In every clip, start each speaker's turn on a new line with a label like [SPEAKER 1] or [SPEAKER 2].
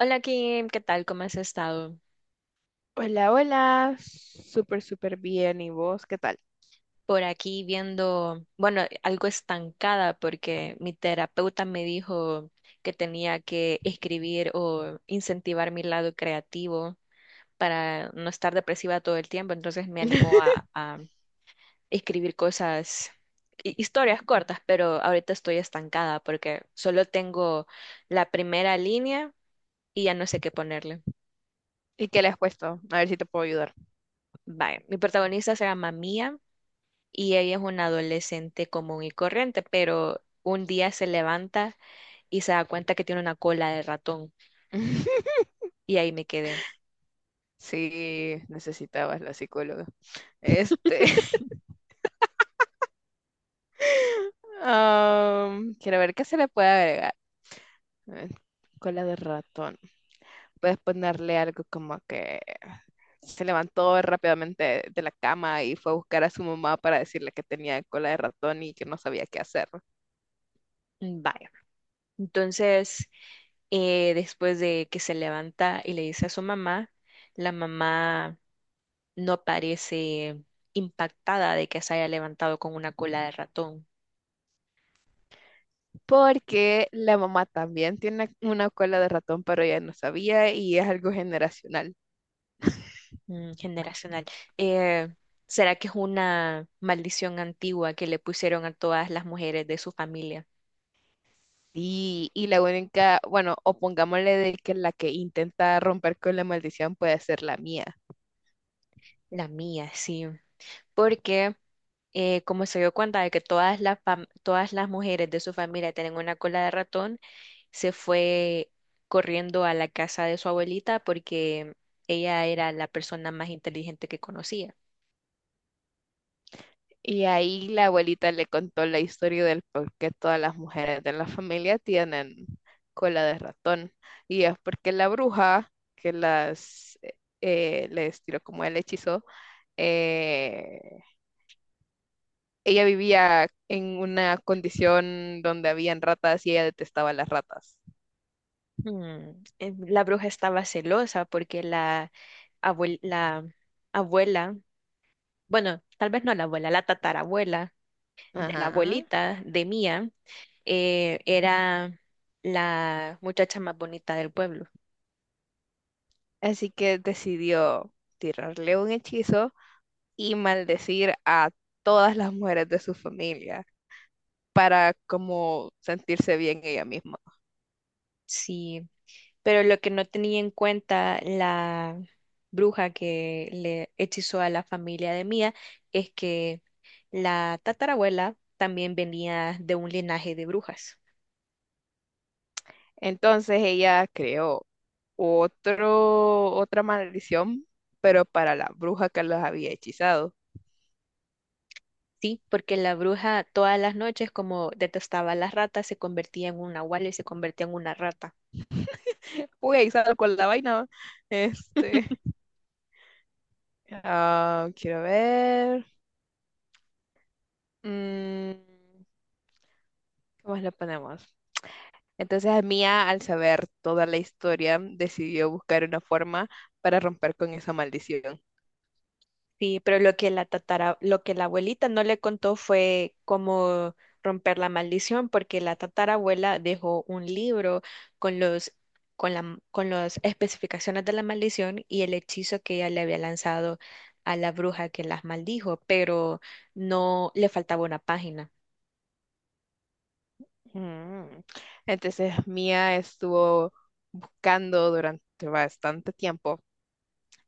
[SPEAKER 1] Hola Kim, ¿qué tal? ¿Cómo has estado?
[SPEAKER 2] Hola, hola. Súper, súper bien. ¿Y vos qué tal?
[SPEAKER 1] Por aquí viendo, bueno, algo estancada porque mi terapeuta me dijo que tenía que escribir o incentivar mi lado creativo para no estar depresiva todo el tiempo, entonces me animó a escribir cosas, historias cortas, pero ahorita estoy estancada porque solo tengo la primera línea y ya no sé qué ponerle.
[SPEAKER 2] ¿Y qué le has puesto? A ver si te puedo ayudar.
[SPEAKER 1] Vaya, mi protagonista se llama Mia y ella es una adolescente común y corriente, pero un día se levanta y se da cuenta que tiene una cola de ratón y ahí me quedé.
[SPEAKER 2] Sí, necesitabas la psicóloga. Este, quiero ver qué se le puede agregar. Eh, Cola de ratón. Puedes ponerle algo como que se levantó rápidamente de la cama y fue a buscar a su mamá para decirle que tenía cola de ratón y que no sabía qué hacer.
[SPEAKER 1] "Mm, vaya. Entonces, después de que se levanta y le dice a su mamá, la mamá no parece impactada de que se haya levantado con una cola de ratón.
[SPEAKER 2] Porque la mamá también tiene una cola de ratón, pero ella no sabía y es algo generacional.
[SPEAKER 1] Mm, generacional. Eh, ¿Será que es una maldición antigua que le pusieron a todas las mujeres de su familia?
[SPEAKER 2] Y la única, bueno, o pongámosle de que la que intenta romper con la maldición puede ser la mía.
[SPEAKER 1] La mía, sí. Porque como se dio cuenta de que todas las mujeres de su familia tienen una cola de ratón, se fue corriendo a la casa de su abuelita porque ella era la persona más inteligente que conocía.
[SPEAKER 2] Y ahí la abuelita le contó la historia del por qué todas las mujeres de la familia tienen cola de ratón. Y es porque la bruja que las les tiró como el hechizo, eh, ella vivía en una condición donde habían ratas y ella detestaba las ratas.
[SPEAKER 1] Hmm. La bruja estaba celosa porque la abuela, bueno, tal vez no la abuela, la tatarabuela de la
[SPEAKER 2] Ajá.
[SPEAKER 1] abuelita de Mía, era la muchacha más bonita del pueblo.
[SPEAKER 2] Así que decidió tirarle un hechizo y maldecir a todas las mujeres de su familia, para como sentirse bien ella misma.
[SPEAKER 1] Sí. Pero lo que no tenía en cuenta la bruja que le hechizó a la familia de Mía es que la tatarabuela también venía de un linaje de brujas.
[SPEAKER 2] Entonces ella creó otra maldición, pero para la bruja que las había hechizado.
[SPEAKER 1] Sí, porque la bruja todas las noches, como detestaba a las ratas, se convertía en un nahual y se convertía en una rata.
[SPEAKER 2] Uy, ahí salgo la vaina. Este, ah, quiero ver. Mm, ¿qué más le ponemos? Entonces Mia, al saber toda la historia, decidió buscar una forma para romper con esa maldición.
[SPEAKER 1] Sí, pero lo que la abuelita no le contó fue cómo romper la maldición, porque la tatarabuela dejó un libro con los, con las especificaciones de la maldición y el hechizo que ella le había lanzado a la bruja que las maldijo, pero no le faltaba una página,
[SPEAKER 2] Mm. Entonces Mia estuvo buscando durante bastante tiempo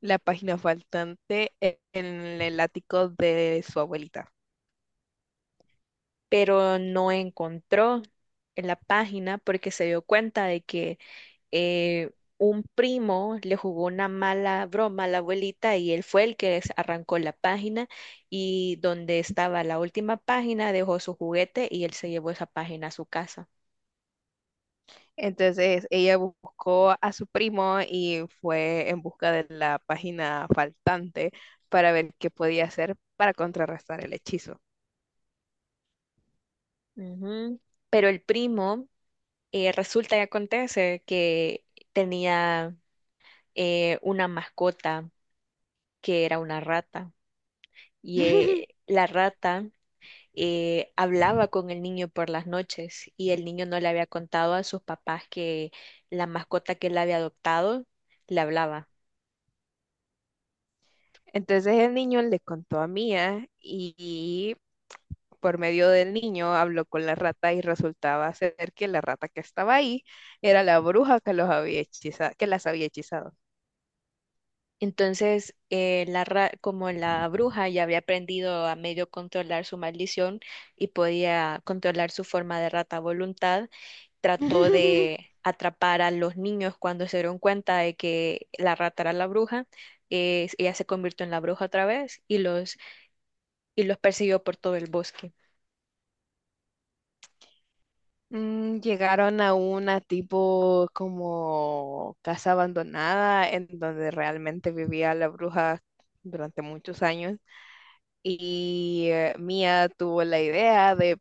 [SPEAKER 2] la página faltante en el ático de su abuelita.
[SPEAKER 1] pero no encontró en la página porque se dio cuenta de que eh, un primo le jugó una mala broma a la abuelita y él fue el que arrancó la página y donde estaba la última página dejó su juguete y él se llevó esa página a su casa.
[SPEAKER 2] Entonces ella buscó a su primo y fue en busca de la página faltante para ver qué podía hacer para contrarrestar el hechizo.
[SPEAKER 1] Ujú. Pero el primo, resulta y acontece que tenía, una mascota que era una rata y la rata hablaba con el niño por las noches y el niño no le había contado a sus papás que la mascota que él había adoptado le hablaba.
[SPEAKER 2] Entonces el niño le contó a Mia y por medio del niño habló con la rata y resultaba ser que la rata que estaba ahí era la bruja que los había que las había hechizado.
[SPEAKER 1] Entonces, como la bruja ya había aprendido a medio controlar su maldición y podía controlar su forma de rata a voluntad, trató de atrapar a los niños cuando se dieron cuenta de que la rata era la bruja. Ella se convirtió en la bruja otra vez y y los persiguió por todo el bosque.
[SPEAKER 2] Mm, llegaron a una tipo como casa abandonada en donde realmente vivía la bruja durante muchos años y Mia tuvo la idea de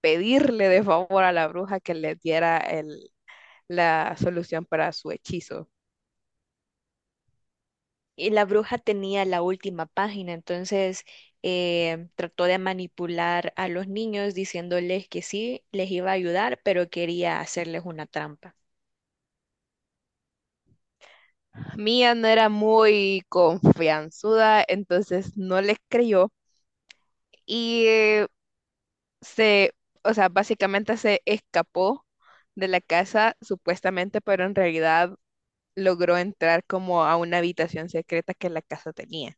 [SPEAKER 2] pedirle de favor a la bruja que le diera la solución para su hechizo.
[SPEAKER 1] Y la bruja tenía la última página, entonces trató de manipular a los niños diciéndoles que sí, les iba a ayudar, pero quería hacerles una trampa.
[SPEAKER 2] Mía no era muy confianzuda, entonces no le creyó y se, o sea, básicamente se escapó de la casa supuestamente, pero en realidad logró entrar como a una habitación secreta que la casa tenía.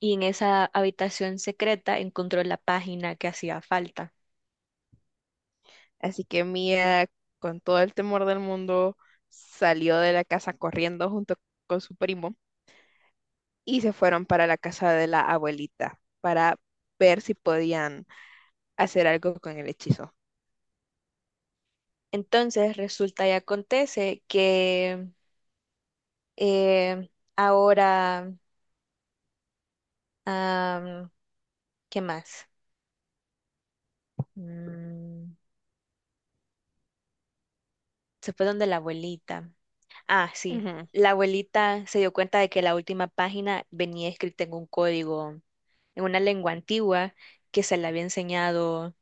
[SPEAKER 1] Y en esa habitación secreta encontró la página que hacía falta.
[SPEAKER 2] Así que Mía, con todo el temor del mundo, salió de la casa corriendo junto con su primo y se fueron para la casa de la abuelita para ver si podían hacer algo con el hechizo.
[SPEAKER 1] Entonces resulta y acontece que eh, ahora, am, ¿qué más? Mm, se fue donde la abuelita. Ah, sí.
[SPEAKER 2] Ujú.
[SPEAKER 1] La abuelita se dio cuenta de que la última página venía escrita en un código, en una lengua antigua que se le había enseñado,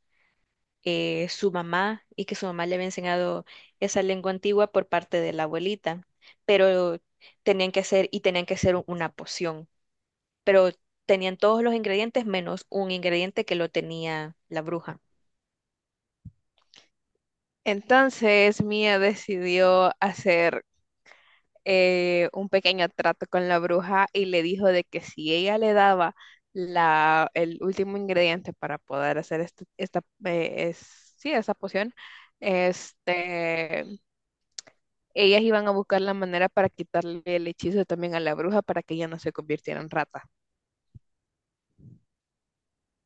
[SPEAKER 1] su mamá, y que su mamá le había enseñado esa lengua antigua por parte de la abuelita. Pero tenían que hacer y tenían que hacer una poción. Pero tenían todos los ingredientes menos un ingrediente que lo tenía la bruja.
[SPEAKER 2] Entonces Mia decidió hacer un pequeño trato con la bruja y le dijo de que si ella le daba el último ingrediente para poder hacer esa poción, este, ellas iban a buscar la manera para quitarle el hechizo también a la bruja para que ella no se convirtiera en rata.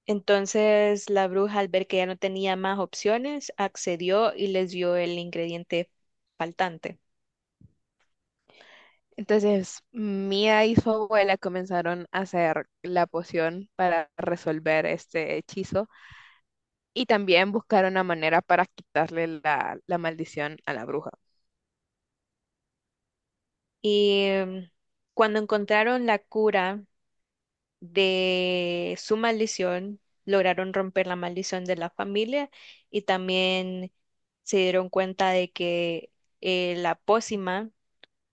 [SPEAKER 1] Entonces la bruja, al ver que ya no tenía más opciones, accedió y les dio el ingrediente faltante.
[SPEAKER 2] Entonces, Mia y su abuela comenzaron a hacer la poción para resolver este hechizo y también buscar una manera para quitarle la maldición a la bruja.
[SPEAKER 1] Y em, cuando encontraron la cura de su maldición, lograron romper la maldición de la familia y también se dieron cuenta de que la pócima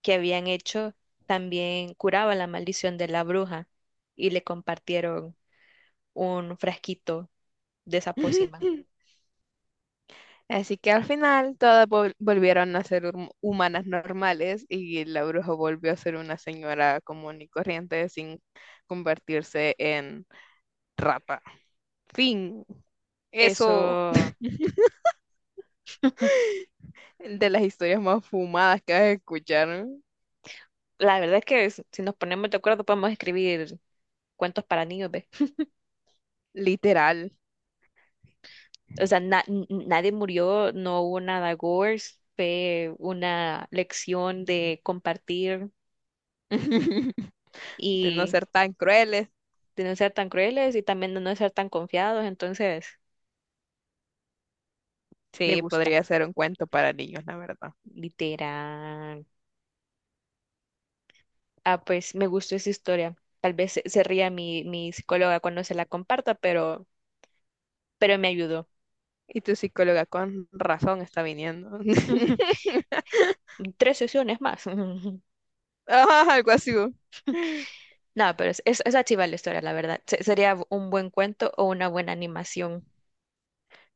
[SPEAKER 1] que habían hecho también curaba la maldición de la bruja y le compartieron un frasquito de esa pócima.
[SPEAKER 2] Así que al final todas volvieron a ser humanas normales y la bruja volvió a ser una señora común y corriente sin convertirse en rata. Fin. Eso
[SPEAKER 1] Eso,
[SPEAKER 2] de las historias más fumadas que vas a escuchar,
[SPEAKER 1] la verdad es que si nos ponemos de acuerdo podemos escribir cuentos para niños.
[SPEAKER 2] literal.
[SPEAKER 1] O sea, nadie murió, no hubo nada gore, fue una lección de compartir
[SPEAKER 2] De no
[SPEAKER 1] y
[SPEAKER 2] ser tan crueles.
[SPEAKER 1] de no ser tan crueles y también de no ser tan confiados, entonces me
[SPEAKER 2] Sí,
[SPEAKER 1] gusta,
[SPEAKER 2] podría ser un cuento para niños, la verdad.
[SPEAKER 1] literal. Ah, pues me gustó esa historia. Tal vez se ría mi psicóloga cuando se la comparta, pero me ayudó.
[SPEAKER 2] Y tu psicóloga con razón está viniendo.
[SPEAKER 1] Tres sesiones más.
[SPEAKER 2] Ah, algo así, ¿no?
[SPEAKER 1] No, pero es chiva la historia, la verdad. Sería un buen cuento o una buena animación.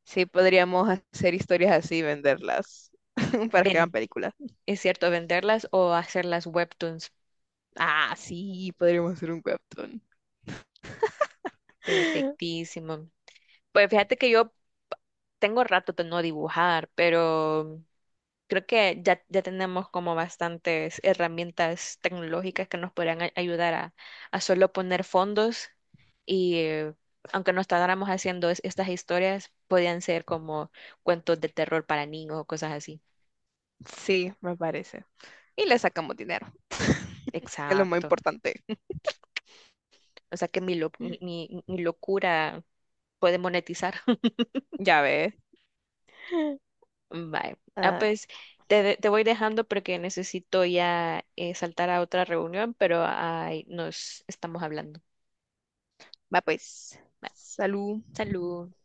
[SPEAKER 2] Sí, podríamos hacer historias así y venderlas para que hagan películas.
[SPEAKER 1] Es cierto, venderlas o hacerlas webtoons.
[SPEAKER 2] Ah, sí, podríamos hacer un webtoon.
[SPEAKER 1] Perfectísimo. Pues fíjate que yo tengo rato de no dibujar, pero creo que ya tenemos como bastantes herramientas tecnológicas que nos podrían ayudar a solo poner fondos y aunque no tardáramos haciendo estas historias, podían ser como cuentos de terror para niños o cosas así.
[SPEAKER 2] Sí, me parece. Y le sacamos dinero, que es lo más
[SPEAKER 1] Exacto.
[SPEAKER 2] importante.
[SPEAKER 1] O sea que mi, lo- mi, mi mi locura puede monetizar.
[SPEAKER 2] Ya ves.
[SPEAKER 1] Vale. Ah,
[SPEAKER 2] Ah,
[SPEAKER 1] pues te voy dejando porque necesito ya saltar a otra reunión, pero ahí nos estamos hablando.
[SPEAKER 2] va pues.
[SPEAKER 1] Bye.
[SPEAKER 2] Salud.
[SPEAKER 1] Salud.